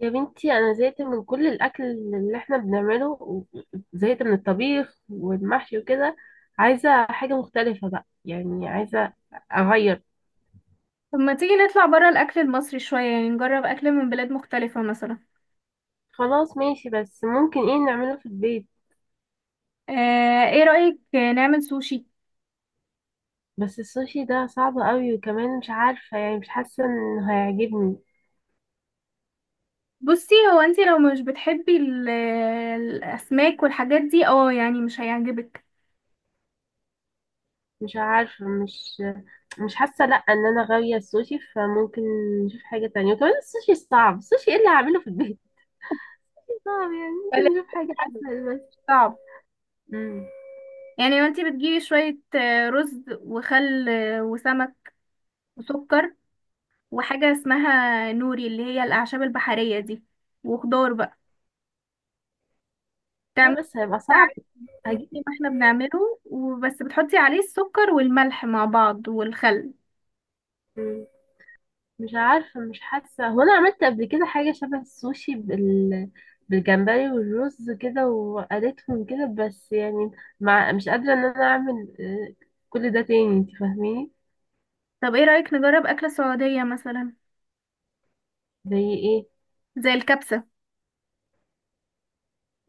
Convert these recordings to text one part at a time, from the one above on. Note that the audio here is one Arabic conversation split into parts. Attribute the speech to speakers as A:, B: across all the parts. A: يا بنتي، انا زهقت من كل الاكل اللي احنا بنعمله زهقت من الطبيخ والمحشي وكده. عايزه حاجه مختلفه بقى، يعني عايزه اغير.
B: طب ما تيجي نطلع بره الأكل المصري شوية، يعني نجرب أكل من بلاد مختلفة مثلا.
A: خلاص ماشي، بس ممكن ايه نعمله في البيت؟
B: آه، ايه رأيك نعمل سوشي؟
A: بس السوشي ده صعب قوي، وكمان مش عارفه يعني، مش حاسه انه هيعجبني.
B: بصي، هو انتي لو مش بتحبي الأسماك والحاجات دي اه، يعني مش هيعجبك.
A: مش عارفه، مش حاسه، لا ان انا غاويه السوشي، فممكن نشوف حاجه تانية. وكمان السوشي صعب. السوشي ايه اللي هعمله في البيت؟ صعب يعني،
B: بل-
A: ممكن نشوف حاجه
B: مش
A: اسهل بس.
B: صعب.
A: مم.
B: يعني وانتي بتجيبي شوية رز وخل وسمك وسكر، وحاجة اسمها نوري اللي هي الأعشاب البحرية دي، وخضار بقى تعملي
A: لا بس هيبقى صعب.
B: عليه زي
A: هجيب.
B: ما احنا بنعمله، وبس بتحطي عليه السكر والملح مع بعض والخل.
A: مم. مش عارفة مش حاسة، هو أنا عملت قبل كده حاجة شبه السوشي بالجمبري والرز كده وقليتهم كده، بس يعني مش قادرة إن أنا أعمل كل ده تاني، انت فاهميني؟
B: طب ايه رأيك نجرب أكلة سعودية مثلا؟
A: زي ايه؟
B: زي الكبسة.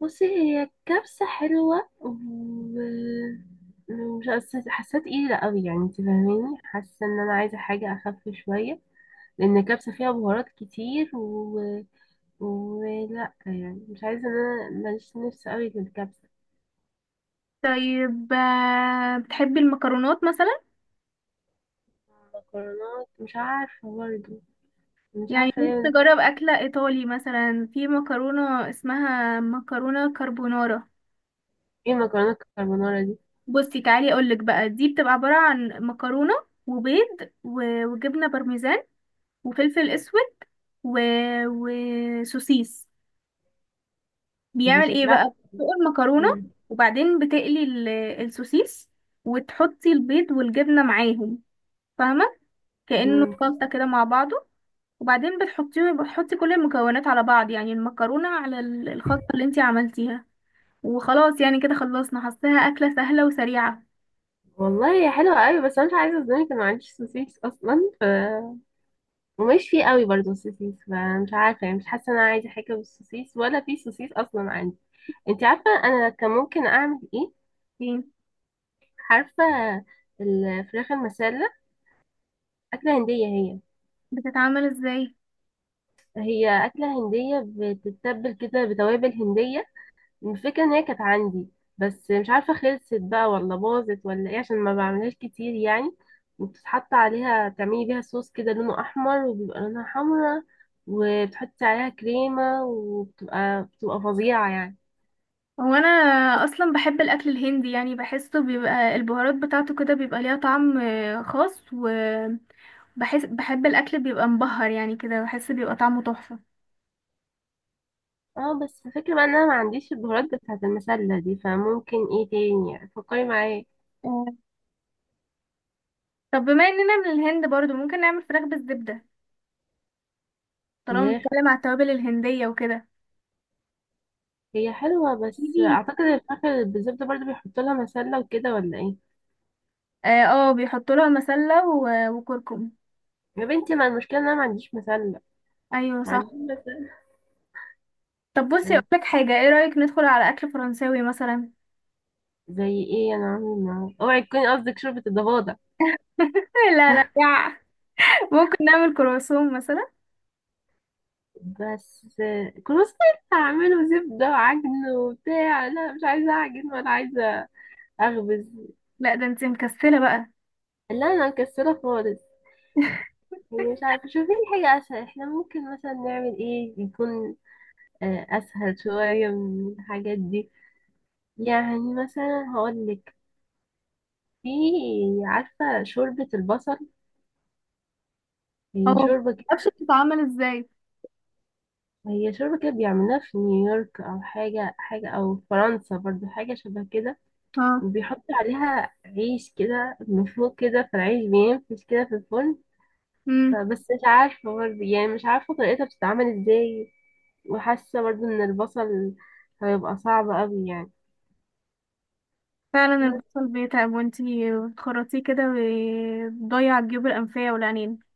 A: بصي، هي الكبسة حلوة، مش حاسة تقيلة قوي يعني، انت فاهميني، حاسة ان انا عايزة حاجة اخف شوية، لان الكبسة فيها بهارات كتير. ولا يعني مش عايزة، ان انا ماليش نفس قوي للكبسة.
B: طيب بتحبي المكرونات مثلا؟
A: المكرونات مش عارفة برضه، مش
B: يعني
A: عارفة
B: ممكن
A: ليه.
B: نجرب أكلة إيطالي مثلا، في مكرونة اسمها مكرونة كربونارا.
A: ايه مكرونات الكربونارا دي؟
B: بصي تعالي أقولك بقى، دي بتبقى عبارة عن مكرونة وبيض وجبنة بارميزان وفلفل أسود و... وسوسيس.
A: دي
B: بيعمل ايه
A: شكلها.
B: بقى؟ بتسلق المكرونة
A: مم.
B: وبعدين بتقلي السوسيس، وتحطي البيض والجبنة معاهم، فاهمة؟ كأنه
A: مم.
B: خلطة كده مع بعضه. وبعدين بتحطي كل المكونات على بعض، يعني المكرونة على الخلطة اللي انتي عملتيها، وخلاص يعني كده خلصنا. حاساها أكلة سهلة وسريعة.
A: والله هي حلوة قوي، بس انا مش عايزة اظلمك، انا ما عنديش سوسيس اصلا، ف ومش فيه قوي برضه سوسيس، فمش عارفة يعني، مش حاسة ان انا عايزة حاجة بالسوسيس، ولا في سوسيس اصلا عندي. انت عارفة انا كان ممكن اعمل ايه؟
B: ايه
A: عارفة؟ الفراخ المسلة. أكلة هندية هي.
B: بتتعمل ازاي؟
A: هي أكلة هندية. بتتبل كده بتوابل هندية. الفكرة إن هي كانت عندي، بس مش عارفة خلصت بقى ولا باظت ولا إيه، عشان ما بعملهاش كتير يعني. وبتتحط عليها، تعملي بيها صوص كده لونه أحمر وبيبقى لونها حمرا، وبتحطي عليها كريمة، وبتبقى فظيعة يعني.
B: هو انا اصلا بحب الاكل الهندي، يعني بحسه بيبقى البهارات بتاعته كده بيبقى ليها طعم خاص، وبحس بحب الاكل بيبقى مبهر يعني كده، بحس بيبقى طعمه تحفة.
A: اه بس الفكرة بقى إن أنا ما عنديش البهارات بتاعة المسلة دي، فممكن إيه تاني يعني، فكري معايا.
B: آه، طب بما اننا من الهند برضو، ممكن نعمل فراخ بالزبدة طالما
A: فراخ.
B: بنتكلم على التوابل الهندية وكده.
A: هي حلوة بس أعتقد الفراخ بالزبدة برضه بيحطوا لها مسلة وكده، ولا إيه؟
B: اه، بيحطوا لها مسلة وكركم.
A: يا بنتي، ما المشكلة ان انا ما عنديش مسلة.
B: ايوه
A: ما عنديش
B: صح.
A: مسلة.
B: طب بصي اقول
A: آه،
B: لك حاجة، ايه رأيك ندخل على اكل فرنساوي مثلا؟
A: زي ايه؟ انا عامل معاه، اوعي تكوني قصدك شوربة الضفادع.
B: لا لا. ممكن نعمل كرواسون مثلا.
A: بس كروسيت. هعمله زبدة وعجن وبتاع، لا مش عايزة اعجن ولا عايزة اخبز.
B: لا ده انت مكسلة بقى.
A: لا انا مكسلة خالص. هي مش عارفة، شوفي لي حاجة اسهل. احنا ممكن مثلا نعمل ايه يكون اسهل شوية من الحاجات دي. يعني مثلا هقولك، في، عارفة شوربة البصل؟
B: اه،
A: هي
B: ما
A: شوربة.
B: اعرفش بتتعمل ازاي؟
A: هي شرب كده بيعملوها في نيويورك او حاجه او فرنسا برضو، حاجه شبه كده.
B: اه.
A: وبيحط عليها عيش كده من فوق كده، فالعيش بينفش كده في الفرن.
B: امم.
A: بس مش عارفه برضو يعني، مش عارفه طريقتها بتتعمل ازاي. وحاسه برضو ان البصل هيبقى صعب قوي يعني.
B: فعلا
A: بس
B: البصل بيتعب، وانتي بتخرطيه كده وبتضيع الجيوب الأنفية والعينين.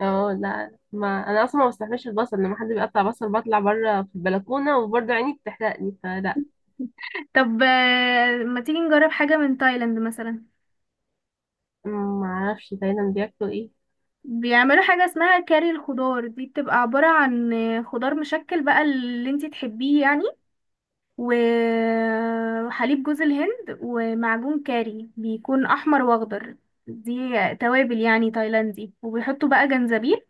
A: اه لا، ما انا اصلا ما بستحملش البصل، لما حد بيقطع بصل بطلع بره في البلكونه، وبرضو عيني بتحرقني فلا.
B: طب ما تيجي نجرب حاجة من تايلاند مثلا؟
A: ما اعرفش تايلاند بياكلوا ايه.
B: بيعملوا حاجة اسمها كاري الخضار، دي بتبقى عبارة عن خضار مشكل بقى اللي انتي تحبيه يعني، وحليب جوز الهند ومعجون كاري بيكون أحمر وأخضر. دي توابل يعني تايلاندي. وبيحطوا بقى جنزبيل.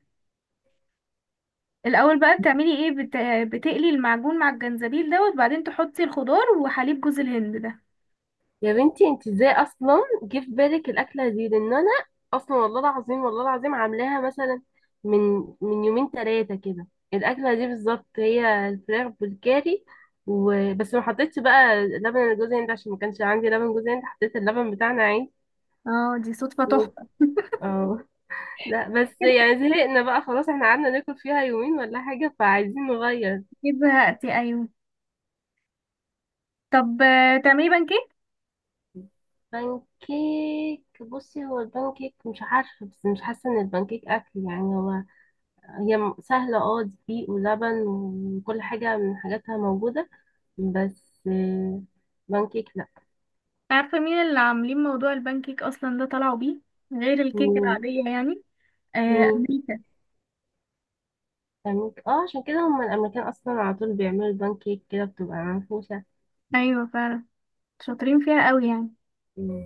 B: الأول بقى بتعملي ايه؟ بتقلي المعجون مع الجنزبيل ده، وبعدين تحطي الخضار وحليب جوز الهند ده.
A: يا بنتي، انت ازاي اصلا جه في بالك الاكله دي، لان انا اصلا والله العظيم والله العظيم عاملاها مثلا من من يومين ثلاثه كده، الاكله دي بالظبط هي الفراخ بالكاري. وبس ما حطيتش بقى لبن جوز هند، عشان ما كانش عندي لبن جوز هند، حطيت اللبن بتاعنا عادي.
B: اه، دي صدفة
A: و...
B: تحفة.
A: اه لا بس يعني زهقنا بقى، خلاص احنا قعدنا ناكل فيها يومين ولا حاجه، فعايزين نغير.
B: كده زهقتي ايوه. طب تعملي بانكيك؟
A: بانكيك؟ بصي، هو البانكيك مش عارفه، بس مش حاسه ان البانكيك اكل يعني. هو هي سهلة، اه دقيق ولبن وكل حاجة من حاجاتها موجودة، بس بانكيك لا.
B: عارفة مين اللي عاملين موضوع البان كيك أصلا ده؟ طلعوا بيه غير الكيك
A: مين؟
B: العادية يعني. آه،
A: مين؟
B: أمريكا.
A: بانكيك اه، عشان كده هما الأمريكان أصلا على طول بيعملوا البانكيك كده بتبقى منفوشة.
B: أيوة فعلا، شاطرين فيها قوي يعني.
A: مم.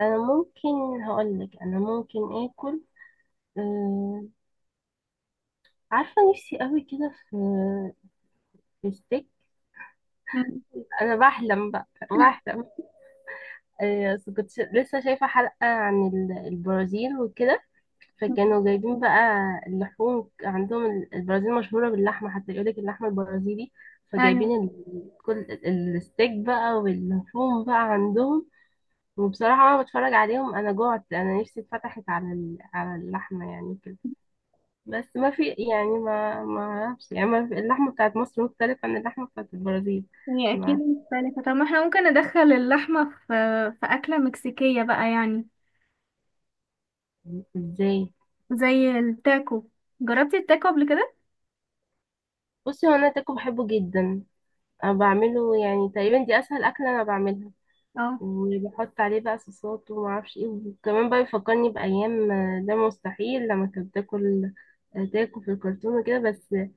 A: أنا ممكن هقولك، أنا ممكن آكل، آه عارفة نفسي قوي كده في ستيك.
B: مم.
A: أنا بحلم بقى بحلم. آه بس كنت لسه شايفة حلقة عن البرازيل وكده، فكانوا جايبين بقى اللحوم عندهم، البرازيل مشهورة باللحمة، حتى يقولك اللحمة البرازيلي،
B: أيوة.
A: فجايبين كل الستيك بقى واللحوم بقى عندهم. وبصراحة أنا بتفرج عليهم، أنا جوعت، أنا نفسي اتفتحت على على اللحمة يعني كده. بس ما في يعني، ما أعرفش يعني، ما في اللحمة بتاعت مصر مختلفة عن اللحمة بتاعت البرازيل.
B: هي أكيد
A: ما.
B: مختلفة. طب ما احنا ممكن ندخل اللحمة في في أكلة مكسيكية بقى يعني.
A: إزاي؟
B: زي التاكو، جربتي التاكو قبل كده؟
A: بصي، هو أنا تاكو بحبه جدا. أنا بعمله، يعني تقريبا دي أسهل أكلة أنا بعملها.
B: اه.
A: وبحط عليه بقى صوصات وما اعرفش ايه، وكمان بقى بيفكرني بايام ده مستحيل لما كنت باكل تاكو في الكرتون وكده، بس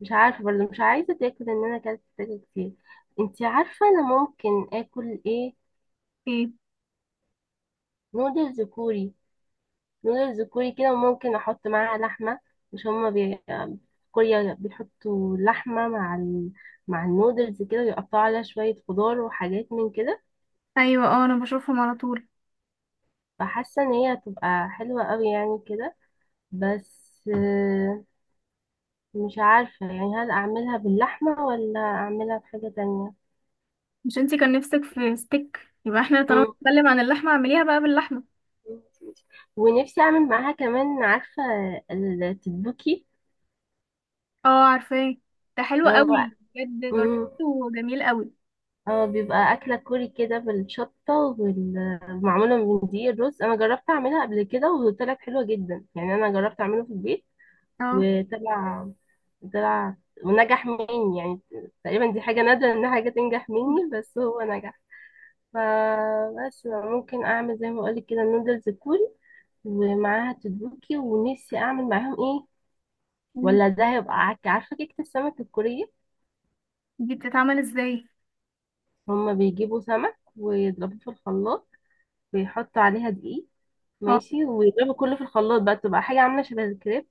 A: مش عارفه برضه، مش عايزه تاكل ان انا اكلت تاكو كتير. انتي عارفه انا ممكن اكل ايه؟
B: ايه.
A: نودلز كوري. نودلز كوري كده، وممكن احط معاها لحمه. مش هما في كوريا بيحطوا لحمه مع مع النودلز كده، ويقطعوا عليها شويه خضار وحاجات من كده،
B: أيوة، اه، أنا بشوفهم على طول.
A: فحاسه ان هي هتبقى حلوه قوي يعني كده. بس مش عارفة يعني، هل أعملها باللحمة ولا أعملها بحاجة تانية.
B: مش انتي كان نفسك في ستيك؟ يبقى احنا طالما
A: مم.
B: بنتكلم عن اللحمة، اعمليها بقى باللحمة.
A: ونفسي أعمل معاها كمان، عارفة التتبوكي؟
B: اه، عارفاه، ده حلو
A: هو.
B: قوي بجد،
A: مم.
B: جربته جميل قوي.
A: اه بيبقى أكلة كوري كده بالشطة والمعمولة من دي الرز، أنا جربت أعملها قبل كده وطلعت حلوة جدا يعني، أنا جربت أعمله في البيت
B: اه.
A: وطلع طلع ونجح مني يعني. تقريبا دي حاجة نادرة إن حاجة تنجح مني، بس هو نجح. فبس ممكن اعمل زي ما اقولك كده النودلز كوري، ومعاها تدوكي، ونفسي اعمل معاهم ايه.
B: مم.
A: ولا ده هيبقى عارفه كيكه السمك الكوريه.
B: دي بتتعمل ازاي؟
A: هما بيجيبوا سمك ويضربوه في الخلاط، ويحطوا عليها دقيق،
B: اه.
A: ماشي، ويضربوا كله في الخلاط بقى، تبقى حاجه عامله شبه الكريب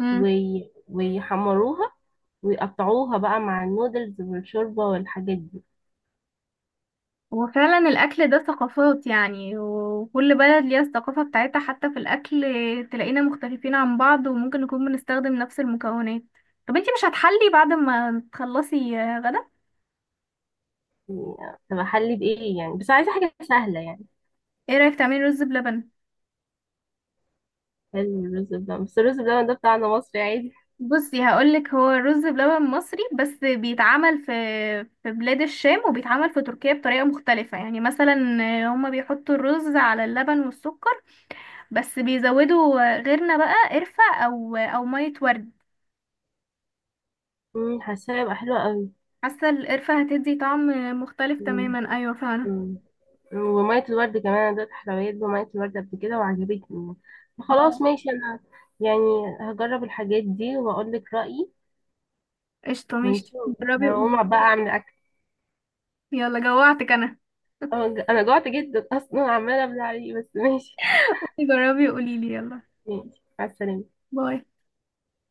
B: امم.
A: ويحمروها، ويقطعوها بقى مع النودلز والشوربه والحاجات دي.
B: وفعلا الاكل ده ثقافات يعني، وكل بلد ليها الثقافة بتاعتها حتى في الاكل. تلاقينا مختلفين عن بعض، وممكن نكون بنستخدم نفس المكونات. طب انتي مش هتحلي بعد ما تخلصي غدا؟
A: يعني تبقى حلي بايه يعني، بس عايزه حاجه سهله يعني.
B: ايه رأيك تعملي رز بلبن؟
A: حلو الرز بلبن، بس الرز بلبن ده بتاعنا مصري عادي.
B: بصي هقولك، هو رز بلبن مصري، بس بيتعمل في في بلاد الشام، وبيتعمل في تركيا بطريقة مختلفة يعني. مثلا هما بيحطوا الرز على اللبن والسكر، بس بيزودوا غيرنا بقى قرفة او مية ورد.
A: حاساها هيبقى حلوة قوي.
B: حاسة القرفة هتدي طعم مختلف
A: مم،
B: تماما، ايوه فعلا.
A: مم. ومية الورد كمان، أنا دوت حلويات بمية الورد قبل كده وعجبتني.
B: اه،
A: خلاص ماشي، أنا يعني هجرب الحاجات دي وأقول لك رأيي.
B: قشطة ماشي.
A: ونشوف.
B: جربي وقوليلي
A: هقوم بقى أعمل أكل.
B: يلا، جوعتك انا.
A: أنا جوعت جدا أصلا، عمالة أبلع عليه بس ماشي.
B: جربي وقوليلي يلا.
A: ماشي، مع السلامة.
B: باي.